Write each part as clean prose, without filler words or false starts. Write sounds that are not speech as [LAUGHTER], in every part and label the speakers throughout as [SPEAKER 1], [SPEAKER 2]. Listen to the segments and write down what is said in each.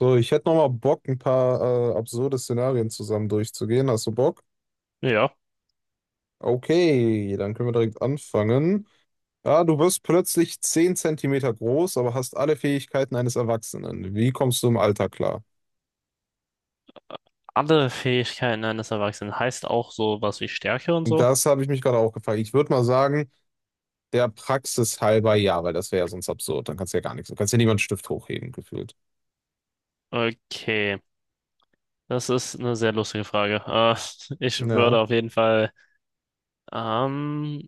[SPEAKER 1] So, ich hätte nochmal Bock, ein paar absurde Szenarien zusammen durchzugehen. Hast du Bock?
[SPEAKER 2] Ja.
[SPEAKER 1] Okay, dann können wir direkt anfangen. Ja, du wirst plötzlich 10 Zentimeter groß, aber hast alle Fähigkeiten eines Erwachsenen. Wie kommst du im Alter klar?
[SPEAKER 2] Andere Fähigkeiten eines Erwachsenen heißt auch sowas wie Stärke und so?
[SPEAKER 1] Das habe ich mich gerade auch gefragt. Ich würde mal sagen, der Praxis halber ja, weil das wäre ja sonst absurd. Dann kannst du ja gar nichts. Du kannst ja niemanden Stift hochheben, gefühlt.
[SPEAKER 2] Okay, das ist eine sehr lustige Frage. [LAUGHS] Ich
[SPEAKER 1] Ja,
[SPEAKER 2] würde auf jeden Fall, ähm,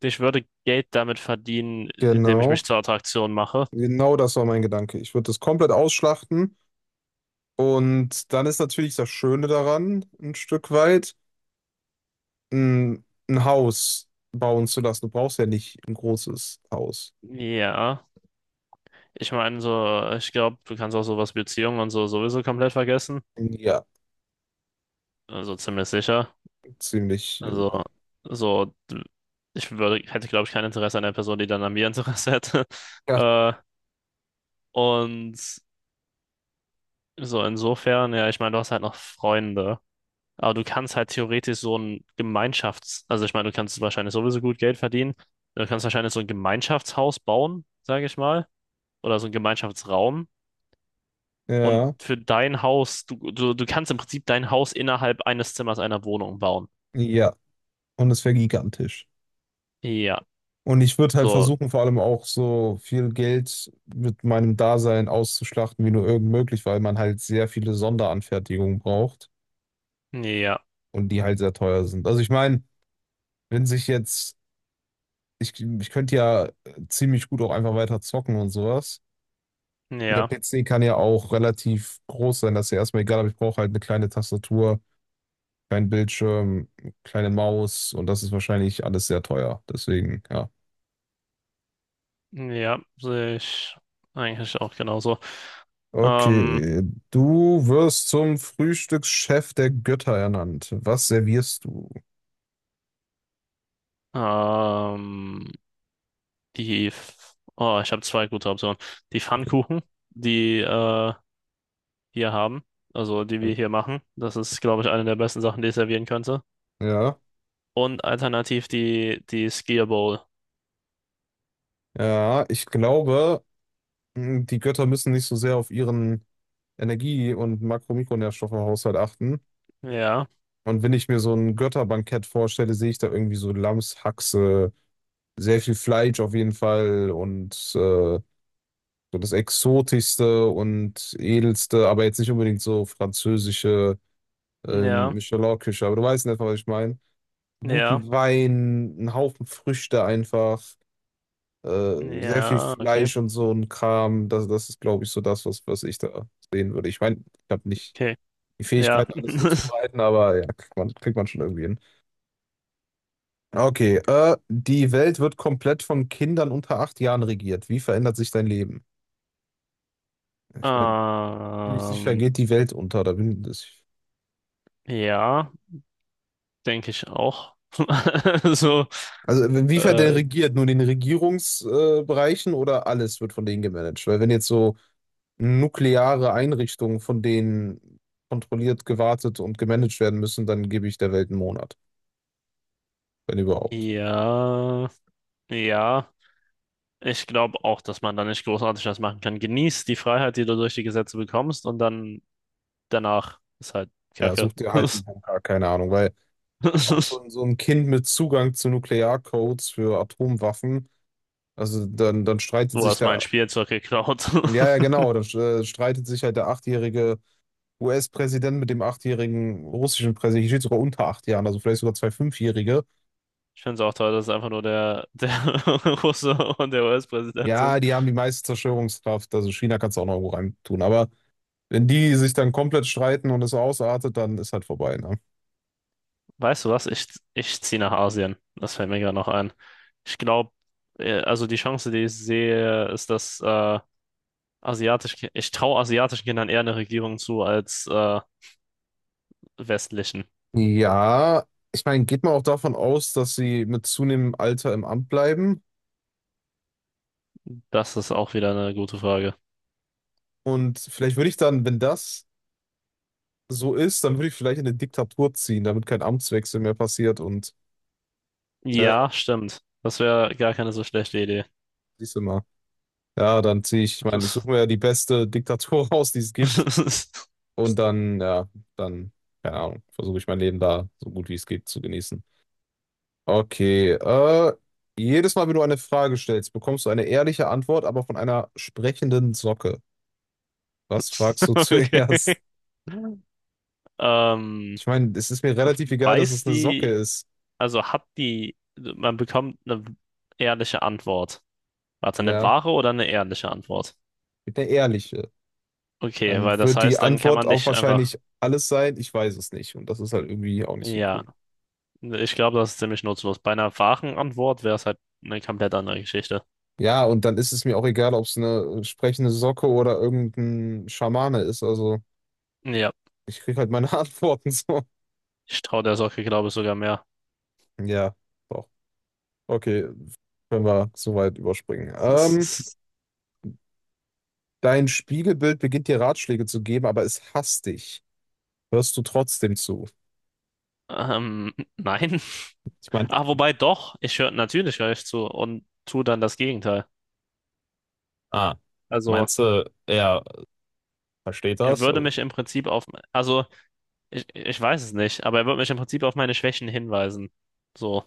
[SPEAKER 2] ich würde Geld damit verdienen, indem ich mich
[SPEAKER 1] genau.
[SPEAKER 2] zur Attraktion mache.
[SPEAKER 1] Genau das war mein Gedanke. Ich würde das komplett ausschlachten. Und dann ist natürlich das Schöne daran, ein Stück weit ein Haus bauen zu lassen. Du brauchst ja nicht ein großes Haus.
[SPEAKER 2] Ja, ich meine so, ich glaube, du kannst auch sowas wie Beziehungen und so sowieso komplett vergessen.
[SPEAKER 1] Ja,
[SPEAKER 2] Also ziemlich sicher.
[SPEAKER 1] ziemlich.
[SPEAKER 2] Also so, ich würde, hätte glaube ich kein Interesse an der Person, die dann an mir Interesse hätte. [LAUGHS]
[SPEAKER 1] Ja,
[SPEAKER 2] Äh, und So, insofern, ja, ich meine, du hast halt noch Freunde. Aber du kannst halt theoretisch so ein Gemeinschafts-, also ich meine, du kannst wahrscheinlich sowieso gut Geld verdienen. Du kannst wahrscheinlich so ein Gemeinschaftshaus bauen, sage ich mal. Oder so ein Gemeinschaftsraum. Und
[SPEAKER 1] ja,
[SPEAKER 2] für dein Haus, du kannst im Prinzip dein Haus innerhalb eines Zimmers einer Wohnung bauen.
[SPEAKER 1] ja. Und es wäre gigantisch.
[SPEAKER 2] Ja,
[SPEAKER 1] Und ich würde halt
[SPEAKER 2] so,
[SPEAKER 1] versuchen, vor allem auch so viel Geld mit meinem Dasein auszuschlachten, wie nur irgend möglich, weil man halt sehr viele Sonderanfertigungen braucht
[SPEAKER 2] ja,
[SPEAKER 1] und die halt sehr teuer sind. Also ich meine, wenn sich jetzt, ich könnte ja ziemlich gut auch einfach weiter zocken und sowas. Der
[SPEAKER 2] ja,
[SPEAKER 1] PC kann ja auch relativ groß sein, das ist ja erstmal egal, aber ich brauche halt eine kleine Tastatur, kleinen Bildschirm, kleine Maus und das ist wahrscheinlich alles sehr teuer. Deswegen, ja.
[SPEAKER 2] ja, sehe ich eigentlich auch genauso. Ähm,
[SPEAKER 1] Okay, du wirst zum Frühstückschef der Götter ernannt. Was servierst du?
[SPEAKER 2] ähm, Die, F- oh, ich habe zwei gute Optionen. Die Pfannkuchen, die wir haben, also die wir hier machen. Das ist, glaube ich, eine der besten Sachen, die ich servieren könnte.
[SPEAKER 1] Ja,
[SPEAKER 2] Und alternativ die Skier Bowl.
[SPEAKER 1] ja, ich glaube, die Götter müssen nicht so sehr auf ihren Energie- und Makro-Mikronährstoffhaushalt achten.
[SPEAKER 2] Ja,
[SPEAKER 1] Und wenn ich mir so ein Götterbankett vorstelle, sehe ich da irgendwie so Lammshaxe. Sehr viel Fleisch auf jeden Fall und so das Exotischste und Edelste, aber jetzt nicht unbedingt so französische
[SPEAKER 2] ja,
[SPEAKER 1] Michelin-Küche, aber du weißt in etwa, was ich meine.
[SPEAKER 2] ja,
[SPEAKER 1] Guten Wein, einen Haufen Früchte einfach, sehr viel
[SPEAKER 2] ja, okay,
[SPEAKER 1] Fleisch und so ein Kram. Das ist, glaube ich, so das, was ich da sehen würde. Ich meine, ich habe nicht
[SPEAKER 2] okay,
[SPEAKER 1] die
[SPEAKER 2] ja.
[SPEAKER 1] Fähigkeit, alles
[SPEAKER 2] [LAUGHS]
[SPEAKER 1] zuzubereiten, aber ja, kriegt man schon irgendwie hin. Okay, die Welt wird komplett von Kindern unter 8 Jahren regiert. Wie verändert sich dein Leben? Ich meine, ziemlich sicher
[SPEAKER 2] Ähm,
[SPEAKER 1] geht die Welt unter. Da bin ich.
[SPEAKER 2] ja, denke ich auch. [LAUGHS] So,
[SPEAKER 1] Also inwiefern der
[SPEAKER 2] äh,
[SPEAKER 1] regiert? Nur in den Regierungsbereichen Bereichen oder alles wird von denen gemanagt? Weil wenn jetzt so nukleare Einrichtungen von denen kontrolliert, gewartet und gemanagt werden müssen, dann gebe ich der Welt einen Monat, wenn überhaupt.
[SPEAKER 2] ja, ja. Ich glaube auch, dass man da nicht großartig was machen kann. Genieß die Freiheit, die du durch die Gesetze bekommst, und dann danach ist halt
[SPEAKER 1] Ja,
[SPEAKER 2] Kacke.
[SPEAKER 1] such dir halt einen Bunker, keine Ahnung. Weil auch so,
[SPEAKER 2] [LAUGHS]
[SPEAKER 1] so ein Kind mit Zugang zu Nuklearcodes für Atomwaffen, also dann streitet
[SPEAKER 2] Du
[SPEAKER 1] sich
[SPEAKER 2] hast mein
[SPEAKER 1] da,
[SPEAKER 2] Spielzeug geklaut.
[SPEAKER 1] ja, ja,
[SPEAKER 2] [LAUGHS]
[SPEAKER 1] genau, dann streitet sich halt der Achtjährige US-Präsident mit dem achtjährigen russischen Präsidenten, hier steht sogar unter 8 Jahren, also vielleicht sogar zwei Fünfjährige.
[SPEAKER 2] Ich finde es auch toll, dass es einfach nur der [LAUGHS] Russe und der US-Präsident
[SPEAKER 1] Ja,
[SPEAKER 2] sind.
[SPEAKER 1] die haben die meiste Zerstörungskraft, also China kannst du auch noch irgendwo rein tun. Aber wenn die sich dann komplett streiten und es ausartet, dann ist halt vorbei, ne?
[SPEAKER 2] Weißt du was? Ich ziehe nach Asien. Das fällt mir gerade noch ein. Ich glaube, also die Chance, die ich sehe, ist, dass asiatische, ich traue asiatischen Kindern eher eine Regierung zu als westlichen.
[SPEAKER 1] Ja, ich meine, geht man auch davon aus, dass sie mit zunehmendem Alter im Amt bleiben?
[SPEAKER 2] Das ist auch wieder eine gute Frage.
[SPEAKER 1] Und vielleicht würde ich dann, wenn das so ist, dann würde ich vielleicht in eine Diktatur ziehen, damit kein Amtswechsel mehr passiert und, ne,
[SPEAKER 2] Ja, stimmt. Das wäre gar keine so schlechte Idee.
[SPEAKER 1] siehst du mal. Ja, dann ziehe ich, ich meine, ich suche mir ja
[SPEAKER 2] [LAUGHS]
[SPEAKER 1] die beste Diktatur [LAUGHS] raus, die es gibt. Und dann, ja, dann, keine Ahnung, versuche ich mein Leben da so gut wie es geht zu genießen. Okay, jedes Mal, wenn du eine Frage stellst, bekommst du eine ehrliche Antwort, aber von einer sprechenden Socke. Was fragst du [LAUGHS]
[SPEAKER 2] Okay.
[SPEAKER 1] zuerst?
[SPEAKER 2] Ähm,
[SPEAKER 1] Ich meine, es ist mir relativ egal, dass
[SPEAKER 2] weiß
[SPEAKER 1] es eine Socke
[SPEAKER 2] die,
[SPEAKER 1] ist.
[SPEAKER 2] also hat die, man bekommt eine ehrliche Antwort. Warte, eine
[SPEAKER 1] Ja,
[SPEAKER 2] wahre oder eine ehrliche Antwort?
[SPEAKER 1] mit einer ehrliche.
[SPEAKER 2] Okay,
[SPEAKER 1] Dann
[SPEAKER 2] weil das
[SPEAKER 1] wird die
[SPEAKER 2] heißt, dann kann
[SPEAKER 1] Antwort
[SPEAKER 2] man
[SPEAKER 1] auch
[SPEAKER 2] nicht einfach,
[SPEAKER 1] wahrscheinlich alles sein, ich weiß es nicht. Und das ist halt irgendwie auch nicht so
[SPEAKER 2] ja,
[SPEAKER 1] cool.
[SPEAKER 2] ich glaube, das ist ziemlich nutzlos. Bei einer wahren Antwort wäre es halt eine komplett andere Geschichte.
[SPEAKER 1] Ja, und dann ist es mir auch egal, ob es eine sprechende Socke oder irgendein Schamane ist. Also.
[SPEAKER 2] Ja,
[SPEAKER 1] Ich krieg halt meine [LAUGHS] Antworten so.
[SPEAKER 2] ich traue der Socke, glaube ich, sogar mehr.
[SPEAKER 1] Ja, doch. Okay, können wir so weit überspringen.
[SPEAKER 2] [LAUGHS]
[SPEAKER 1] Dein Spiegelbild beginnt dir Ratschläge zu geben, aber es hasst dich. Hörst du trotzdem zu?
[SPEAKER 2] Nein.
[SPEAKER 1] Ich meine,
[SPEAKER 2] Ah, wobei doch, ich höre natürlich höre ich zu und tue dann das Gegenteil.
[SPEAKER 1] Ah,
[SPEAKER 2] Also
[SPEAKER 1] meinst du, er versteht
[SPEAKER 2] er
[SPEAKER 1] das?
[SPEAKER 2] würde
[SPEAKER 1] Also,
[SPEAKER 2] mich im Prinzip auf, also ich weiß es nicht, aber er würde mich im Prinzip auf meine Schwächen hinweisen. So.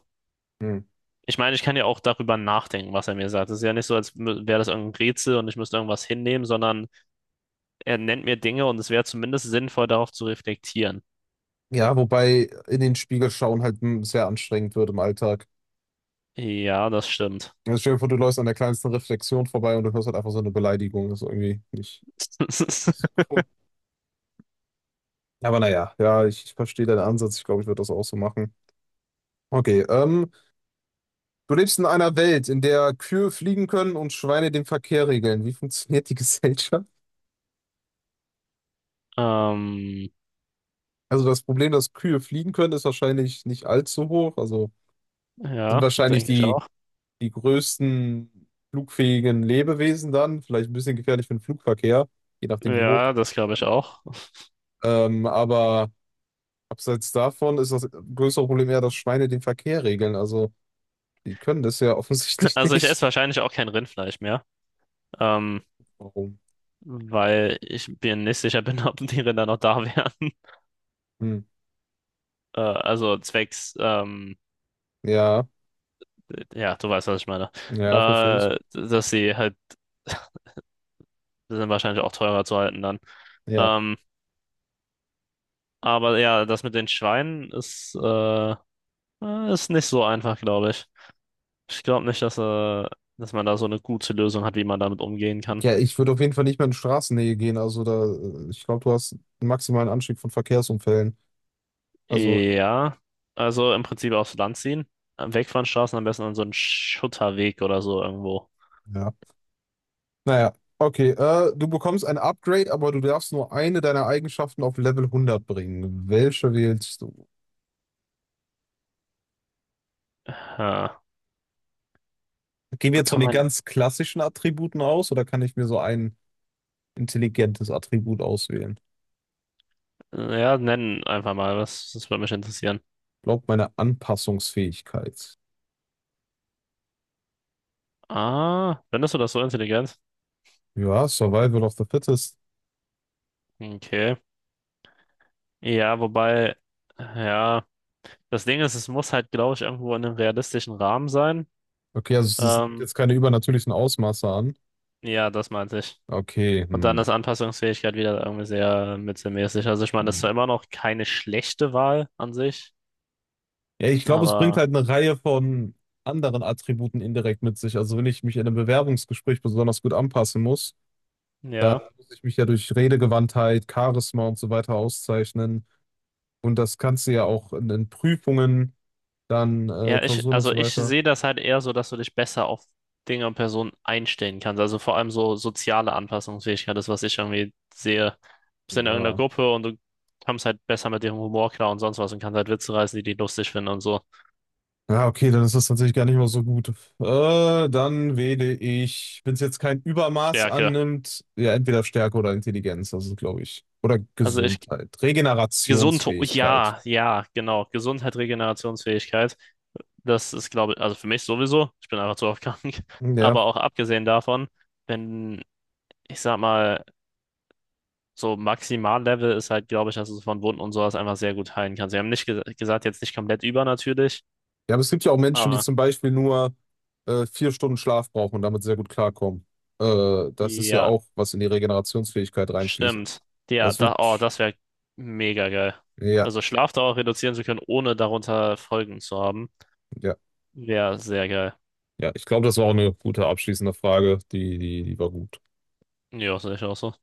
[SPEAKER 1] hm.
[SPEAKER 2] Ich meine, ich kann ja auch darüber nachdenken, was er mir sagt. Es ist ja nicht so, als wäre das irgendein Rätsel und ich müsste irgendwas hinnehmen, sondern er nennt mir Dinge und es wäre zumindest sinnvoll, darauf zu reflektieren.
[SPEAKER 1] ja, wobei in den Spiegel schauen halt sehr anstrengend wird im Alltag.
[SPEAKER 2] Ja, das stimmt.
[SPEAKER 1] Also stell dir vor, du läufst an der kleinsten Reflexion vorbei und du hörst halt einfach so eine Beleidigung. Das ist irgendwie nicht so
[SPEAKER 2] [LAUGHS]
[SPEAKER 1] cool. Aber naja, ja, ich verstehe deinen Ansatz. Ich glaube, ich würde das auch so machen. Okay. Du lebst in einer Welt, in der Kühe fliegen können und Schweine den Verkehr regeln. Wie funktioniert die [LAUGHS] Gesellschaft?
[SPEAKER 2] Ähm,
[SPEAKER 1] Also das Problem, dass Kühe fliegen können, ist wahrscheinlich nicht allzu hoch. Also sind
[SPEAKER 2] ja,
[SPEAKER 1] wahrscheinlich
[SPEAKER 2] denke ich
[SPEAKER 1] die,
[SPEAKER 2] auch.
[SPEAKER 1] die größten flugfähigen Lebewesen dann. Vielleicht ein bisschen gefährlich für den Flugverkehr, je nachdem wie hoch.
[SPEAKER 2] Ja, das glaube ich auch. [LAUGHS]
[SPEAKER 1] Aber abseits davon ist das größere Problem eher, dass Schweine den Verkehr regeln. Also die können das ja offensichtlich [LAUGHS]
[SPEAKER 2] Also ich
[SPEAKER 1] nicht.
[SPEAKER 2] esse wahrscheinlich auch kein Rindfleisch mehr. Ähm,
[SPEAKER 1] Warum?
[SPEAKER 2] weil ich mir nicht sicher bin, [LAUGHS] ob die Rinder noch da wären.
[SPEAKER 1] Hm.
[SPEAKER 2] Also zwecks,
[SPEAKER 1] Ja,
[SPEAKER 2] ja, du weißt, was ich meine.
[SPEAKER 1] ja, verstehe ich.
[SPEAKER 2] Dass sie halt, die sind wahrscheinlich auch teurer zu halten dann.
[SPEAKER 1] Ja.
[SPEAKER 2] Ähm, aber ja, das mit den Schweinen ist, ist nicht so einfach, glaube ich. Ich glaube nicht, dass man da so eine gute Lösung hat, wie man damit umgehen kann.
[SPEAKER 1] Ja, ich würde auf jeden Fall nicht mehr in Straßennähe gehen. Also da, ich glaube, du hast einen maximalen Anstieg von Verkehrsunfällen. Also,
[SPEAKER 2] Ja, also im Prinzip aufs Land ziehen. Weg von Straßen, am besten an so einen Schutterweg oder so irgendwo.
[SPEAKER 1] ja. Naja, okay. Du bekommst ein Upgrade, aber du darfst nur eine deiner Eigenschaften auf Level 100 bringen. Welche wählst du?
[SPEAKER 2] Ja.
[SPEAKER 1] Gehen
[SPEAKER 2] Ich
[SPEAKER 1] wir jetzt von
[SPEAKER 2] bekomme
[SPEAKER 1] den
[SPEAKER 2] ein.
[SPEAKER 1] ganz klassischen Attributen aus oder kann ich mir so ein intelligentes Attribut auswählen?
[SPEAKER 2] Ja, nennen einfach mal was. Das würde mich interessieren.
[SPEAKER 1] Ich glaube, meine Anpassungsfähigkeit.
[SPEAKER 2] Ah, findest du das so intelligent?
[SPEAKER 1] Ja, Survival of the Fittest.
[SPEAKER 2] Okay. Ja, wobei, ja, das Ding ist, es muss halt, glaube ich, irgendwo in einem realistischen Rahmen sein.
[SPEAKER 1] Okay, also
[SPEAKER 2] Ähm,
[SPEAKER 1] jetzt keine übernatürlichen Ausmaße an.
[SPEAKER 2] ja, das meinte ich.
[SPEAKER 1] Okay,
[SPEAKER 2] Und dann
[SPEAKER 1] hm.
[SPEAKER 2] ist Anpassungsfähigkeit wieder irgendwie sehr mittelmäßig. Also ich meine, das ist zwar
[SPEAKER 1] Hm.
[SPEAKER 2] immer noch keine schlechte Wahl an sich,
[SPEAKER 1] Ja, ich glaube, es bringt
[SPEAKER 2] aber
[SPEAKER 1] halt eine Reihe von anderen Attributen indirekt mit sich. Also wenn ich mich in einem Bewerbungsgespräch besonders gut anpassen muss, dann
[SPEAKER 2] ja.
[SPEAKER 1] muss ich mich ja durch Redegewandtheit, Charisma und so weiter auszeichnen. Und das kannst du ja auch in Prüfungen, dann
[SPEAKER 2] Ja,
[SPEAKER 1] Klausuren und
[SPEAKER 2] also
[SPEAKER 1] so
[SPEAKER 2] ich
[SPEAKER 1] weiter.
[SPEAKER 2] sehe das halt eher so, dass du dich besser auf Dinge und Personen einstellen kannst. Also vor allem so soziale Anpassungsfähigkeit ist, was ich irgendwie sehe. Du bist in irgendeiner
[SPEAKER 1] Ja.
[SPEAKER 2] Gruppe und du kommst halt besser mit dem Humor klar und sonst was und kannst halt Witze reißen, die die lustig finden und so.
[SPEAKER 1] Ja, okay, dann ist das tatsächlich gar nicht mal so gut. Dann wähle ich, wenn es jetzt kein Übermaß
[SPEAKER 2] Stärke.
[SPEAKER 1] annimmt, ja, entweder Stärke oder Intelligenz, das ist, glaube ich. Oder
[SPEAKER 2] Also ich,
[SPEAKER 1] Gesundheit.
[SPEAKER 2] gesund,
[SPEAKER 1] Regenerationsfähigkeit.
[SPEAKER 2] ja, ja, genau. Gesundheit, Regenerationsfähigkeit. Das ist, glaube ich, also für mich sowieso. Ich bin einfach zu oft [LAUGHS] krank.
[SPEAKER 1] Hm, Ja.
[SPEAKER 2] Aber auch abgesehen davon, wenn, ich sag mal, so Maximallevel ist halt, glaube ich, dass du von Wunden und sowas einfach sehr gut heilen kannst. Sie haben nicht ge gesagt, jetzt nicht komplett über natürlich,
[SPEAKER 1] Ja, aber es gibt ja auch Menschen, die
[SPEAKER 2] aber
[SPEAKER 1] zum Beispiel nur 4 Stunden Schlaf brauchen und damit sehr gut klarkommen. Das ist ja
[SPEAKER 2] ja,
[SPEAKER 1] auch, was in die Regenerationsfähigkeit reinfließt.
[SPEAKER 2] stimmt. Ja,
[SPEAKER 1] Das wird,
[SPEAKER 2] da, oh, das wäre mega geil.
[SPEAKER 1] ja,
[SPEAKER 2] Also Schlafdauer reduzieren zu können, ohne darunter Folgen zu haben,
[SPEAKER 1] ja,
[SPEAKER 2] wäre sehr geil.
[SPEAKER 1] ja. Ich glaube, das war auch eine gute abschließende Frage. Die war gut.
[SPEAKER 2] Ja, sehe ich auch so.